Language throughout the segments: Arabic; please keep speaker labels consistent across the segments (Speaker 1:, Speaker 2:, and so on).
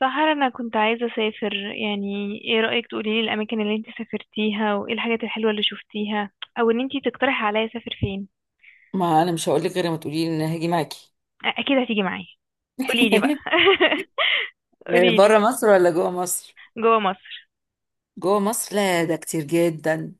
Speaker 1: سحر، انا كنت عايزه اسافر، يعني ايه رايك؟ تقولي لي الاماكن اللي انت سافرتيها وايه الحاجات الحلوه اللي شفتيها، او ان انت تقترحي عليا اسافر فين.
Speaker 2: ما انا مش هقول لك غير ما تقولي لي ان أنا هاجي معاكي.
Speaker 1: اكيد هتيجي معايا. قولي لي بقى. قولي لي.
Speaker 2: بره مصر ولا جوه مصر؟
Speaker 1: جوه مصر.
Speaker 2: جوه مصر، لا ده كتير جدا.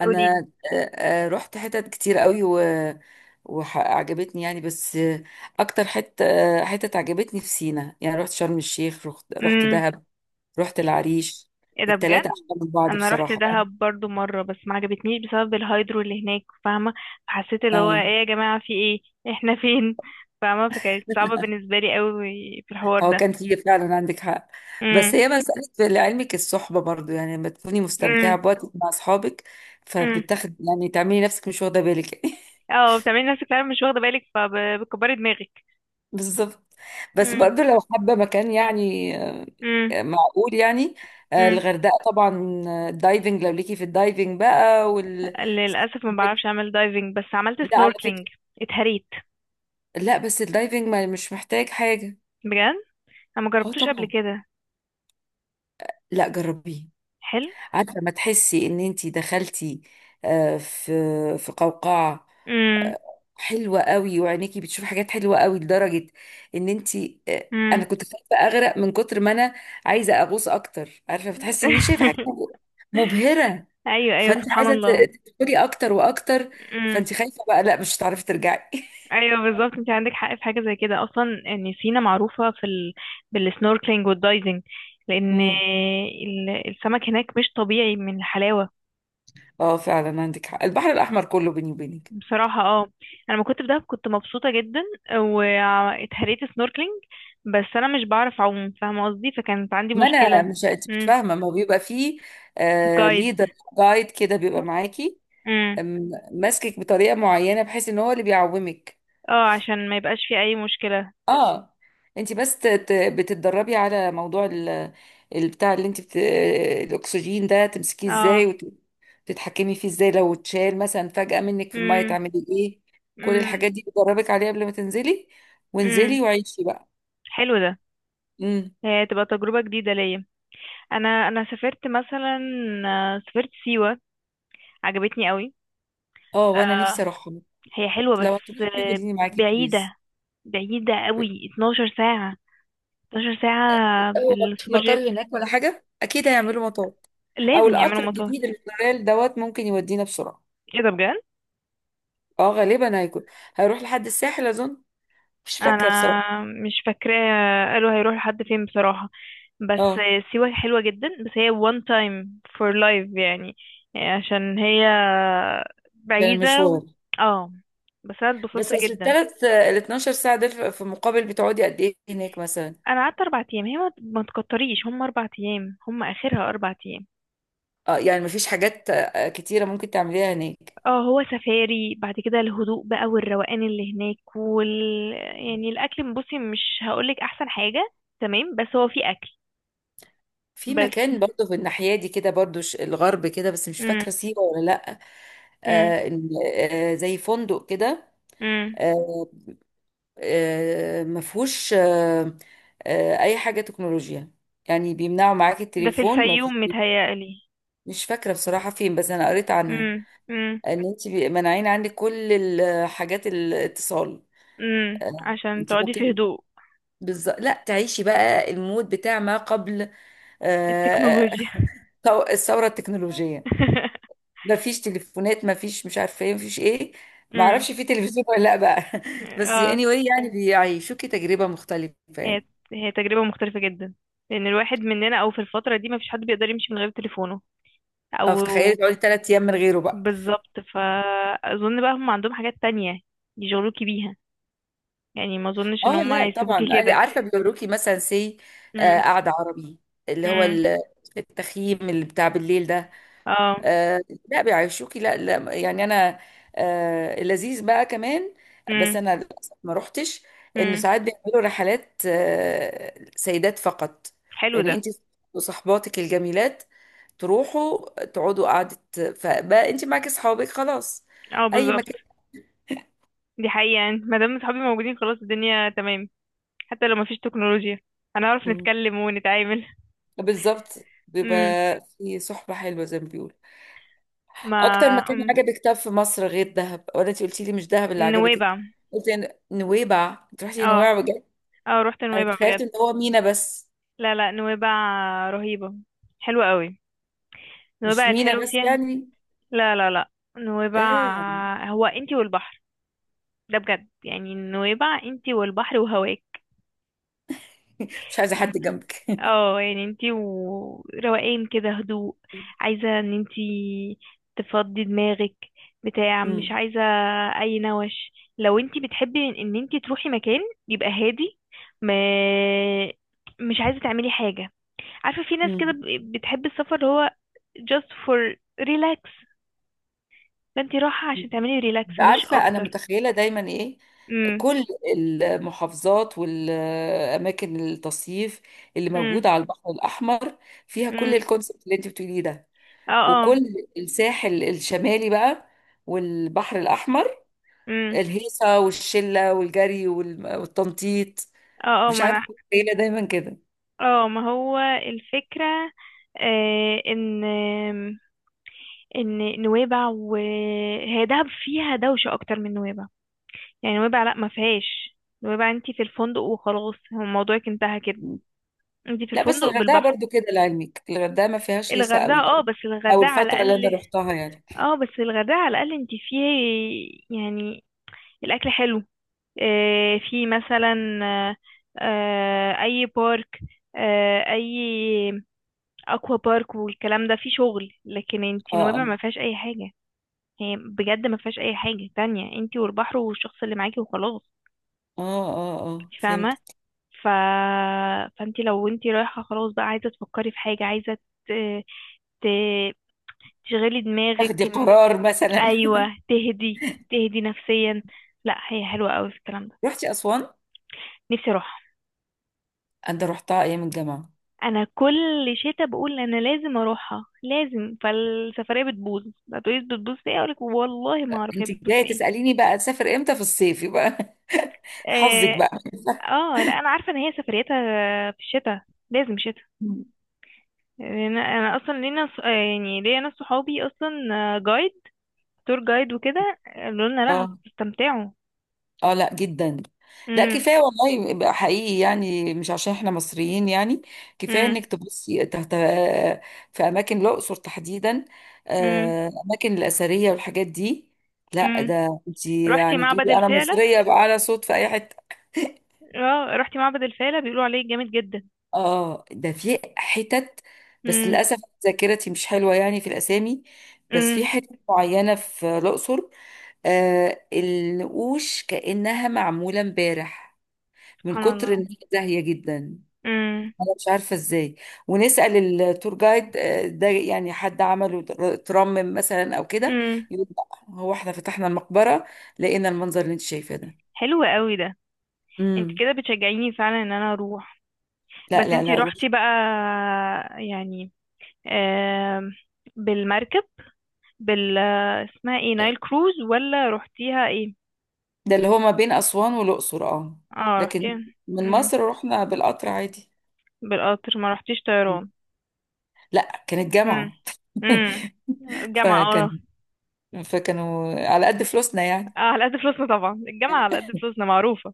Speaker 1: قولي
Speaker 2: انا
Speaker 1: لي.
Speaker 2: رحت حتت كتير قوي و وعجبتني يعني، بس اكتر حته حتت عجبتني في سينا. يعني رحت شرم الشيخ، رحت
Speaker 1: امم.
Speaker 2: دهب، رحت العريش.
Speaker 1: ايه ده بجد؟
Speaker 2: التلاتة احلى من بعض
Speaker 1: انا رحت
Speaker 2: بصراحه.
Speaker 1: دهب برضو مره، بس ما عجبتنيش بسبب الهايدرو اللي هناك، فاهمه؟ فحسيت اللي هو
Speaker 2: اه
Speaker 1: ايه يا جماعه، في ايه، احنا فين؟ فاهمه؟ فكانت صعبه بالنسبه لي قوي في الحوار
Speaker 2: هو
Speaker 1: ده.
Speaker 2: كان فيه فعلا، عندك حق.
Speaker 1: امم.
Speaker 2: بس هي مسألة، لعلمك الصحبة برضو يعني، لما تكوني مستمتعة
Speaker 1: امم.
Speaker 2: بوقتك مع أصحابك
Speaker 1: امم.
Speaker 2: فبتاخد يعني، تعملي نفسك مش واخدة بالك يعني.
Speaker 1: اه، بتعملي نفسك فعلا مش واخده بالك، فبتكبري دماغك.
Speaker 2: بالظبط. بس
Speaker 1: امم.
Speaker 2: برضو لو حابة مكان يعني،
Speaker 1: امم.
Speaker 2: معقول يعني.
Speaker 1: امم.
Speaker 2: الغردقة طبعا. الدايفنج لو ليكي في الدايفنج بقى وال.
Speaker 1: للاسف ما بعرفش اعمل دايفنج، بس عملت
Speaker 2: لا على
Speaker 1: سنوركلينج.
Speaker 2: فكرة،
Speaker 1: اتهريت.
Speaker 2: لا بس الدايفنج ما مش محتاج حاجة.
Speaker 1: بجد؟ انا ما
Speaker 2: اه
Speaker 1: جربتوش قبل
Speaker 2: طبعا،
Speaker 1: كده.
Speaker 2: لا جربيه.
Speaker 1: حلو.
Speaker 2: عارفه، ما تحسي ان انتي دخلتي آه، في في قوقعه.
Speaker 1: امم.
Speaker 2: آه، حلوه قوي، وعينيكي بتشوف حاجات حلوه قوي، لدرجه ان انتي انا
Speaker 1: امم.
Speaker 2: كنت خايفه اغرق من كتر ما انا عايزه اغوص اكتر. عارفه، بتحسي ان انت شايفه حاجه مبهره.
Speaker 1: ايوه، ايوه،
Speaker 2: فانت
Speaker 1: سبحان
Speaker 2: عايزه
Speaker 1: الله.
Speaker 2: تدخلي اكتر واكتر.
Speaker 1: امم.
Speaker 2: فانت خايفه بقى، لا مش هتعرفي ترجعي
Speaker 1: ايوه، بالظبط، انت عندك حق. في حاجه زي كده اصلا، ان سينا معروفه في ال... بالسنوركلينج والدايفنج. لان
Speaker 2: مم.
Speaker 1: السمك هناك مش طبيعي من الحلاوه.
Speaker 2: اه فعلا عندك حق، البحر الاحمر كله بيني وبينك.
Speaker 1: بصراحة، اه. انا لما كنت في دهب كنت مبسوطة جدا. واتهريت سنوركلينج. بس انا مش بعرف اعوم، فاهمة قصدي؟ فكانت عندي
Speaker 2: ما انا
Speaker 1: مشكلة.
Speaker 2: مش، انت مش
Speaker 1: امم.
Speaker 2: فاهمه، ما هو بيبقى فيه
Speaker 1: جايد.
Speaker 2: ليدر، جايد كده بيبقى معاكي،
Speaker 1: امم.
Speaker 2: ماسكك بطريقه معينه بحيث ان هو اللي بيعومك.
Speaker 1: اه، عشان ما يبقاش في اي مشكلة.
Speaker 2: اه انت بس بتتدربي على موضوع البتاع اللي انت الاكسجين ده، تمسكيه
Speaker 1: اه.
Speaker 2: ازاي وتتحكمي فيه ازاي، لو اتشال مثلا فجاه منك في الميه
Speaker 1: امم.
Speaker 2: تعملي ايه. كل
Speaker 1: امم.
Speaker 2: الحاجات دي بتدربك عليها قبل ما تنزلي،
Speaker 1: امم.
Speaker 2: وانزلي وعيشي بقى.
Speaker 1: حلو ده.
Speaker 2: امم.
Speaker 1: هي تبقى تجربة جديدة ليا. انا سافرت مثلا. سافرت سيوة. عجبتني قوي.
Speaker 2: اه وانا نفسي
Speaker 1: آه.
Speaker 2: اروح.
Speaker 1: هي حلوة،
Speaker 2: لو
Speaker 1: بس...
Speaker 2: هتروحي خديني معاكي بليز.
Speaker 1: بعيدة. بعيدة قوي. 12 ساعة. 12 ساعة
Speaker 2: أول ما مفيش
Speaker 1: بالسوبر جيت.
Speaker 2: مطار هناك ولا حاجة، أكيد هيعملوا مطار. أو
Speaker 1: لازم يعملوا
Speaker 2: القطر
Speaker 1: مطاهي.
Speaker 2: الجديد اللي طالع دوت ممكن يودينا بسرعة.
Speaker 1: ايه ده بجد؟
Speaker 2: اه غالبا هيكون، هيروح لحد الساحل اظن. مش فاكره بصراحه.
Speaker 1: انا مش فاكراه، قالوا هيروحوا لحد فين بصراحة. بس...
Speaker 2: اه
Speaker 1: سيوة حلوة جدا، بس هي one time for life يعني. عشان هي
Speaker 2: عشان
Speaker 1: بعيدة و...
Speaker 2: المشوار.
Speaker 1: اه. بس انا
Speaker 2: بس
Speaker 1: اتبسطت
Speaker 2: اصل
Speaker 1: جدا.
Speaker 2: ال 12 ساعه دول، في مقابل بتقعدي قد ايه هناك مثلا.
Speaker 1: انا قعدت اربع ايام، هي ما تكتريش، هم اربع ايام، هم اخرها اربع ايام.
Speaker 2: اه يعني مفيش حاجات كتيره ممكن تعمليها هناك.
Speaker 1: اه، هو سفاري بعد كده، الهدوء بقى والروقان اللي هناك وال... يعني الاكل، بصي، مش هقولك احسن حاجة. تمام، بس هو في اكل.
Speaker 2: في
Speaker 1: بس...
Speaker 2: مكان برضه في الناحيه دي كده، برضه الغرب كده، بس مش فاكره سيوه ولا لا.
Speaker 1: امم.
Speaker 2: آه إن- زي فندق كده.
Speaker 1: امم.
Speaker 2: آه مفهوش اي حاجه تكنولوجيا، يعني بيمنعوا معاك
Speaker 1: ده في
Speaker 2: التليفون، مفهوش.
Speaker 1: الفيوم متهيألي.
Speaker 2: مش فاكرة بصراحة فين، بس أنا قريت عنها
Speaker 1: امم. امم.
Speaker 2: إن أنت مانعين عندك كل الحاجات الاتصال.
Speaker 1: امم.
Speaker 2: آه،
Speaker 1: عشان
Speaker 2: أنت
Speaker 1: تقعدي في
Speaker 2: ممكن،
Speaker 1: هدوء.
Speaker 2: بالظبط، لا تعيشي بقى المود بتاع ما قبل آه،
Speaker 1: التكنولوجيا.
Speaker 2: الثورة التكنولوجية. مفيش تليفونات، مفيش، مش عارفة إيه، مفيش إيه.
Speaker 1: امم.
Speaker 2: معرفش في تلفزيون ولا لأ بقى بس
Speaker 1: اه.
Speaker 2: anyway يعني بيعيشوكي تجربة مختلفة
Speaker 1: هي...
Speaker 2: يعني.
Speaker 1: هي تجربة مختلفة جدا. لأن الواحد مننا، أو في الفترة دي، مفيش حد بيقدر يمشي من غير تليفونه.
Speaker 2: اه
Speaker 1: أو...
Speaker 2: فتخيلي تقعدي 3 أيام من غيره بقى.
Speaker 1: بالظبط، فأظن بقى هم عندهم حاجات تانية يشغلوكي بيها. يعني ما أظنش
Speaker 2: اه
Speaker 1: إن هم
Speaker 2: لا
Speaker 1: هيسيبوكي
Speaker 2: طبعا،
Speaker 1: كده.
Speaker 2: عارفه بيوروكي مثلا سي آه،
Speaker 1: امم.
Speaker 2: قعده عربي، اللي هو
Speaker 1: امم.
Speaker 2: التخييم اللي بتاع بالليل ده.
Speaker 1: اه.
Speaker 2: آه، لا بيعيشوكي، لا لا، يعني انا لذيذ بقى كمان. بس
Speaker 1: امم.
Speaker 2: انا للاسف ما روحتش. ان
Speaker 1: امم.
Speaker 2: ساعات بيعملوا رحلات سيدات فقط.
Speaker 1: حلو
Speaker 2: يعني
Speaker 1: ده.
Speaker 2: انت وصحباتك الجميلات تروحوا تقعدوا قعدة، فبقى انت معاكي اصحابك خلاص
Speaker 1: اه،
Speaker 2: اي
Speaker 1: بالظبط.
Speaker 2: مكان.
Speaker 1: دي حقيقة، يعني ما دام صحابي موجودين خلاص الدنيا تمام. حتى لو مفيش تكنولوجيا، هنعرف
Speaker 2: مم.
Speaker 1: نتكلم ونتعامل.
Speaker 2: بالظبط، بيبقى
Speaker 1: امم.
Speaker 2: في صحبة حلوة زي ما بيقولوا.
Speaker 1: ما...
Speaker 2: اكتر مكان
Speaker 1: أم.
Speaker 2: عجبك طب في مصر غير دهب؟ ولا انت قلتي لي مش دهب اللي عجبتك؟
Speaker 1: نويبع.
Speaker 2: قلت نويبع، انت رحتي
Speaker 1: اه،
Speaker 2: نويبع بجد؟
Speaker 1: اه، رحت
Speaker 2: انا
Speaker 1: نويبع
Speaker 2: تخيلت
Speaker 1: بجد.
Speaker 2: ان هو مينا بس.
Speaker 1: لا، لا، نويبع. رهيبة. حلوة قوي.
Speaker 2: مش
Speaker 1: نويبع
Speaker 2: مينا
Speaker 1: الحلو
Speaker 2: بس
Speaker 1: فيها...
Speaker 2: يعني.
Speaker 1: لا، لا، لا. نويبع.
Speaker 2: آه.
Speaker 1: هو انتي والبحر. ده بجد، يعني نويبع، انتي والبحر وهواك.
Speaker 2: مش عايزه حد جنبك
Speaker 1: اه، يعني انتي وروقان كده، هدوء. عايزة ان انتي تفضي دماغك. بتاع، مش
Speaker 2: مم.
Speaker 1: عايزة... اي نوش، لو انتي بتحبي إن انتي تروحي مكان، يبقى هادي. ما... مش عايزة تعملي حاجة. عارفة في ناس كده
Speaker 2: مم.
Speaker 1: بتحب السفر، اللي هو just for relax. فانتي رايحة عشان تعملي ريلاكس مش
Speaker 2: عارفه انا
Speaker 1: اكتر.
Speaker 2: متخيله دايما ايه؟
Speaker 1: امم.
Speaker 2: كل المحافظات والاماكن التصيف اللي
Speaker 1: امم.
Speaker 2: موجوده على البحر الاحمر فيها
Speaker 1: امم.
Speaker 2: كل الكونسبت اللي انت بتقوليه ده.
Speaker 1: اه، اه.
Speaker 2: وكل الساحل الشمالي بقى والبحر الاحمر،
Speaker 1: امم.
Speaker 2: الهيصة والشلة والجري والتنطيط.
Speaker 1: اه، اه.
Speaker 2: مش
Speaker 1: ما انا...
Speaker 2: عارفة قليلة دايما كده.
Speaker 1: اه، ما هو الفكرة. آه ان ان نويبع، وهي دهب فيها دوشة اكتر من نويبع. يعني نويبع لا، ما فيهاش. نويبع انتي في الفندق وخلاص، هو موضوعك انتهى كده. انتي في
Speaker 2: لا بس
Speaker 1: الفندق
Speaker 2: الغردقة
Speaker 1: بالبحر.
Speaker 2: برضو كده لعلمك، الغردقة ما فيهاش هيصة
Speaker 1: الغردقة،
Speaker 2: قوي،
Speaker 1: اه،
Speaker 2: أو
Speaker 1: بس
Speaker 2: أو
Speaker 1: الغردقة على
Speaker 2: الفترة اللي أنا
Speaker 1: الأقل...
Speaker 2: روحتها يعني.
Speaker 1: اه، بس الغردقة على الأقل انتي فيه. يعني الأكل حلو. اه، في مثلا... اه. اه، أي بارك. اه، أي أكوا بارك والكلام ده فيه شغل، لكن انتي
Speaker 2: اه،
Speaker 1: نويبع
Speaker 2: اه،
Speaker 1: ما فيهاش أي حاجة. هي بجد ما فيهاش أي حاجة تانية، انتي والبحر والشخص اللي معاكي وخلاص.
Speaker 2: اه، اه، اه، فهمت.
Speaker 1: فاهمة. ف... فانت لو انت رايحة خلاص بقى عايزة تفكري في حاجة، عايزة ت... ت... تشغلي دماغك
Speaker 2: تاخدي
Speaker 1: إن...
Speaker 2: قرار مثلا.
Speaker 1: ايوه، تهدي. تهدي نفسيا. لا، هي حلوة قوي في الكلام ده.
Speaker 2: رحتي أسوان؟
Speaker 1: نفسي اروح.
Speaker 2: أنا روحتها أيام الجامعة.
Speaker 1: انا كل شتا بقول انا لازم اروحها لازم، فالسفرية بتبوظ. هتقولي بتبوظ في ايه؟ اقولك والله ما اعرف هي
Speaker 2: أنت
Speaker 1: بتبوظ
Speaker 2: جاية
Speaker 1: في ايه.
Speaker 2: تسأليني بقى تسافر إمتى، في الصيف يبقى حظك
Speaker 1: اه.
Speaker 2: بقى
Speaker 1: لا، انا عارفة ان هي سفريتها في الشتا. لازم شتا. لأن انا اصلا لينا يعني ليا ناس صحابي اصلا جايد، تور جايد وكده، قالوا لنا لا
Speaker 2: اه،
Speaker 1: هتستمتعوا.
Speaker 2: اه، لا جدا. لا
Speaker 1: امم.
Speaker 2: كفايه والله بقى حقيقي، يعني مش عشان احنا مصريين يعني. كفايه
Speaker 1: امم.
Speaker 2: انك تبصي تحت في اماكن الاقصر تحديدا،
Speaker 1: امم.
Speaker 2: اماكن الاثريه والحاجات دي. لا
Speaker 1: امم.
Speaker 2: ده انت
Speaker 1: رحتي
Speaker 2: يعني
Speaker 1: معبد
Speaker 2: تقولي انا
Speaker 1: الفيلة؟
Speaker 2: مصريه بقى على صوت في اي حته.
Speaker 1: اه، رحتي معبد الفيلة، بيقولوا عليه جامد جدا.
Speaker 2: اه ده في حتت. بس
Speaker 1: امم.
Speaker 2: للاسف ذاكرتي مش حلوه يعني في الاسامي. بس في
Speaker 1: امم.
Speaker 2: حتت معينه في الاقصر النقوش كانها معموله امبارح، من
Speaker 1: سبحان
Speaker 2: كتر
Speaker 1: الله.
Speaker 2: ان هي زاهيه جدا.
Speaker 1: امم.
Speaker 2: انا مش عارفه ازاي. ونسال التور جايد ده يعني حد عمله ترمم مثلا او كده.
Speaker 1: امم.
Speaker 2: يقول لأ، هو احنا فتحنا المقبره لقينا المنظر اللي انت شايفاه ده.
Speaker 1: حلو قوي ده. انت
Speaker 2: امم.
Speaker 1: كده بتشجعيني فعلا ان انا اروح.
Speaker 2: لا
Speaker 1: بس
Speaker 2: لا
Speaker 1: انت
Speaker 2: لا، روح.
Speaker 1: رحتي بقى، يعني، آم، بالمركب، بال... اسمها ايه، نايل كروز؟ ولا رحتيها ايه؟
Speaker 2: ده اللي هو ما بين اسوان والاقصر، اه.
Speaker 1: اه،
Speaker 2: لكن
Speaker 1: رحتيها.
Speaker 2: من
Speaker 1: امم.
Speaker 2: مصر رحنا بالقطر عادي.
Speaker 1: بالقطر؟ ما رحتيش
Speaker 2: مم.
Speaker 1: طيران؟
Speaker 2: لا كانت
Speaker 1: امم.
Speaker 2: جامعه
Speaker 1: امم. الجامعة، اه.
Speaker 2: فكان فكانوا على قد فلوسنا يعني.
Speaker 1: اه، على قد فلوسنا، طبعا الجامعة على قد فلوسنا معروفة.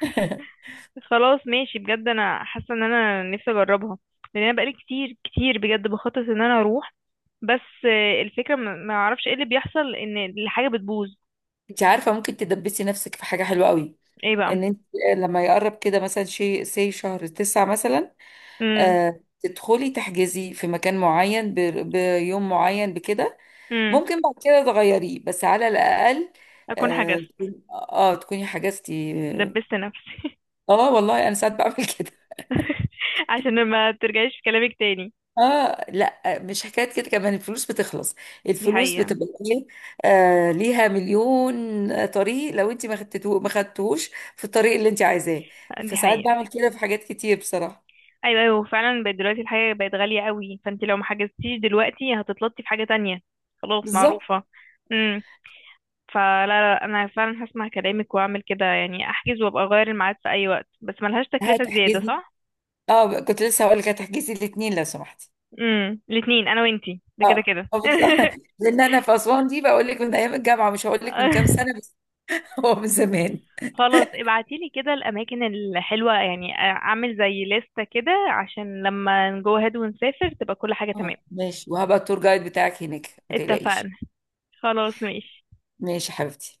Speaker 1: خلاص ماشي، بجد انا حاسة ان انا نفسي اجربها. لان انا بقالي كتير كتير بجد بخطط ان انا اروح. بس الفكرة ما اعرفش ايه اللي بيحصل ان الحاجة بتبوظ.
Speaker 2: انت عارفه ممكن تدبسي نفسك في حاجه حلوه قوي،
Speaker 1: ايه بقى؟
Speaker 2: ان انت لما يقرب كده مثلا شيء سي شهر تسعة مثلا،
Speaker 1: امم.
Speaker 2: تدخلي تحجزي في مكان معين بيوم معين بكده.
Speaker 1: امم.
Speaker 2: ممكن بعد كده تغيريه، بس على الاقل
Speaker 1: اكون
Speaker 2: اه
Speaker 1: حجزت.
Speaker 2: تكوني حجزتي.
Speaker 1: دبست نفسي.
Speaker 2: اه والله انا ساعات بعمل كده.
Speaker 1: عشان ما ترجعيش في كلامك تاني.
Speaker 2: اه لا مش حكايه كده، كمان الفلوس بتخلص،
Speaker 1: دي
Speaker 2: الفلوس
Speaker 1: حقيقة.
Speaker 2: بتبقى ايه؟ ليها مليون طريق، لو انت ما خدتوش في الطريق اللي انت عايزاه.
Speaker 1: دي
Speaker 2: فساعات
Speaker 1: حقيقة.
Speaker 2: بعمل كده في حاجات كتير بصراحه.
Speaker 1: ايوه، ايوه، فعلا بقت دلوقتي الحاجه بقت غاليه قوي، فانت لو ما حجزتيش دلوقتي هتتلطي في حاجه تانية. خلاص
Speaker 2: بالظبط.
Speaker 1: معروفه. امم. فلا لا، انا فعلا هسمع كلامك واعمل كده، يعني احجز وابقى اغير الميعاد في اي وقت، بس ملهاش تكلفه زياده،
Speaker 2: هتحجزي،
Speaker 1: صح؟
Speaker 2: اه كنت لسه هقول لك هتحجزي الاثنين لو سمحتي.
Speaker 1: امم. الاثنين انا وانتي ده كده
Speaker 2: اه
Speaker 1: كده.
Speaker 2: بالظبط لان انا في اسوان دي بقول لك من ايام الجامعه، مش هقول لك من كام سنه بس هو من زمان.
Speaker 1: خلاص ابعتيلي كده الاماكن الحلوه، يعني اعمل زي لستة كده عشان لما نجو هاد ونسافر تبقى كل حاجه تمام.
Speaker 2: اه ماشي، وهبقى التور جايد بتاعك هناك ما
Speaker 1: اتفقنا.
Speaker 2: تقلقيش.
Speaker 1: خلاص ماشي.
Speaker 2: ماشي يا حبيبتي.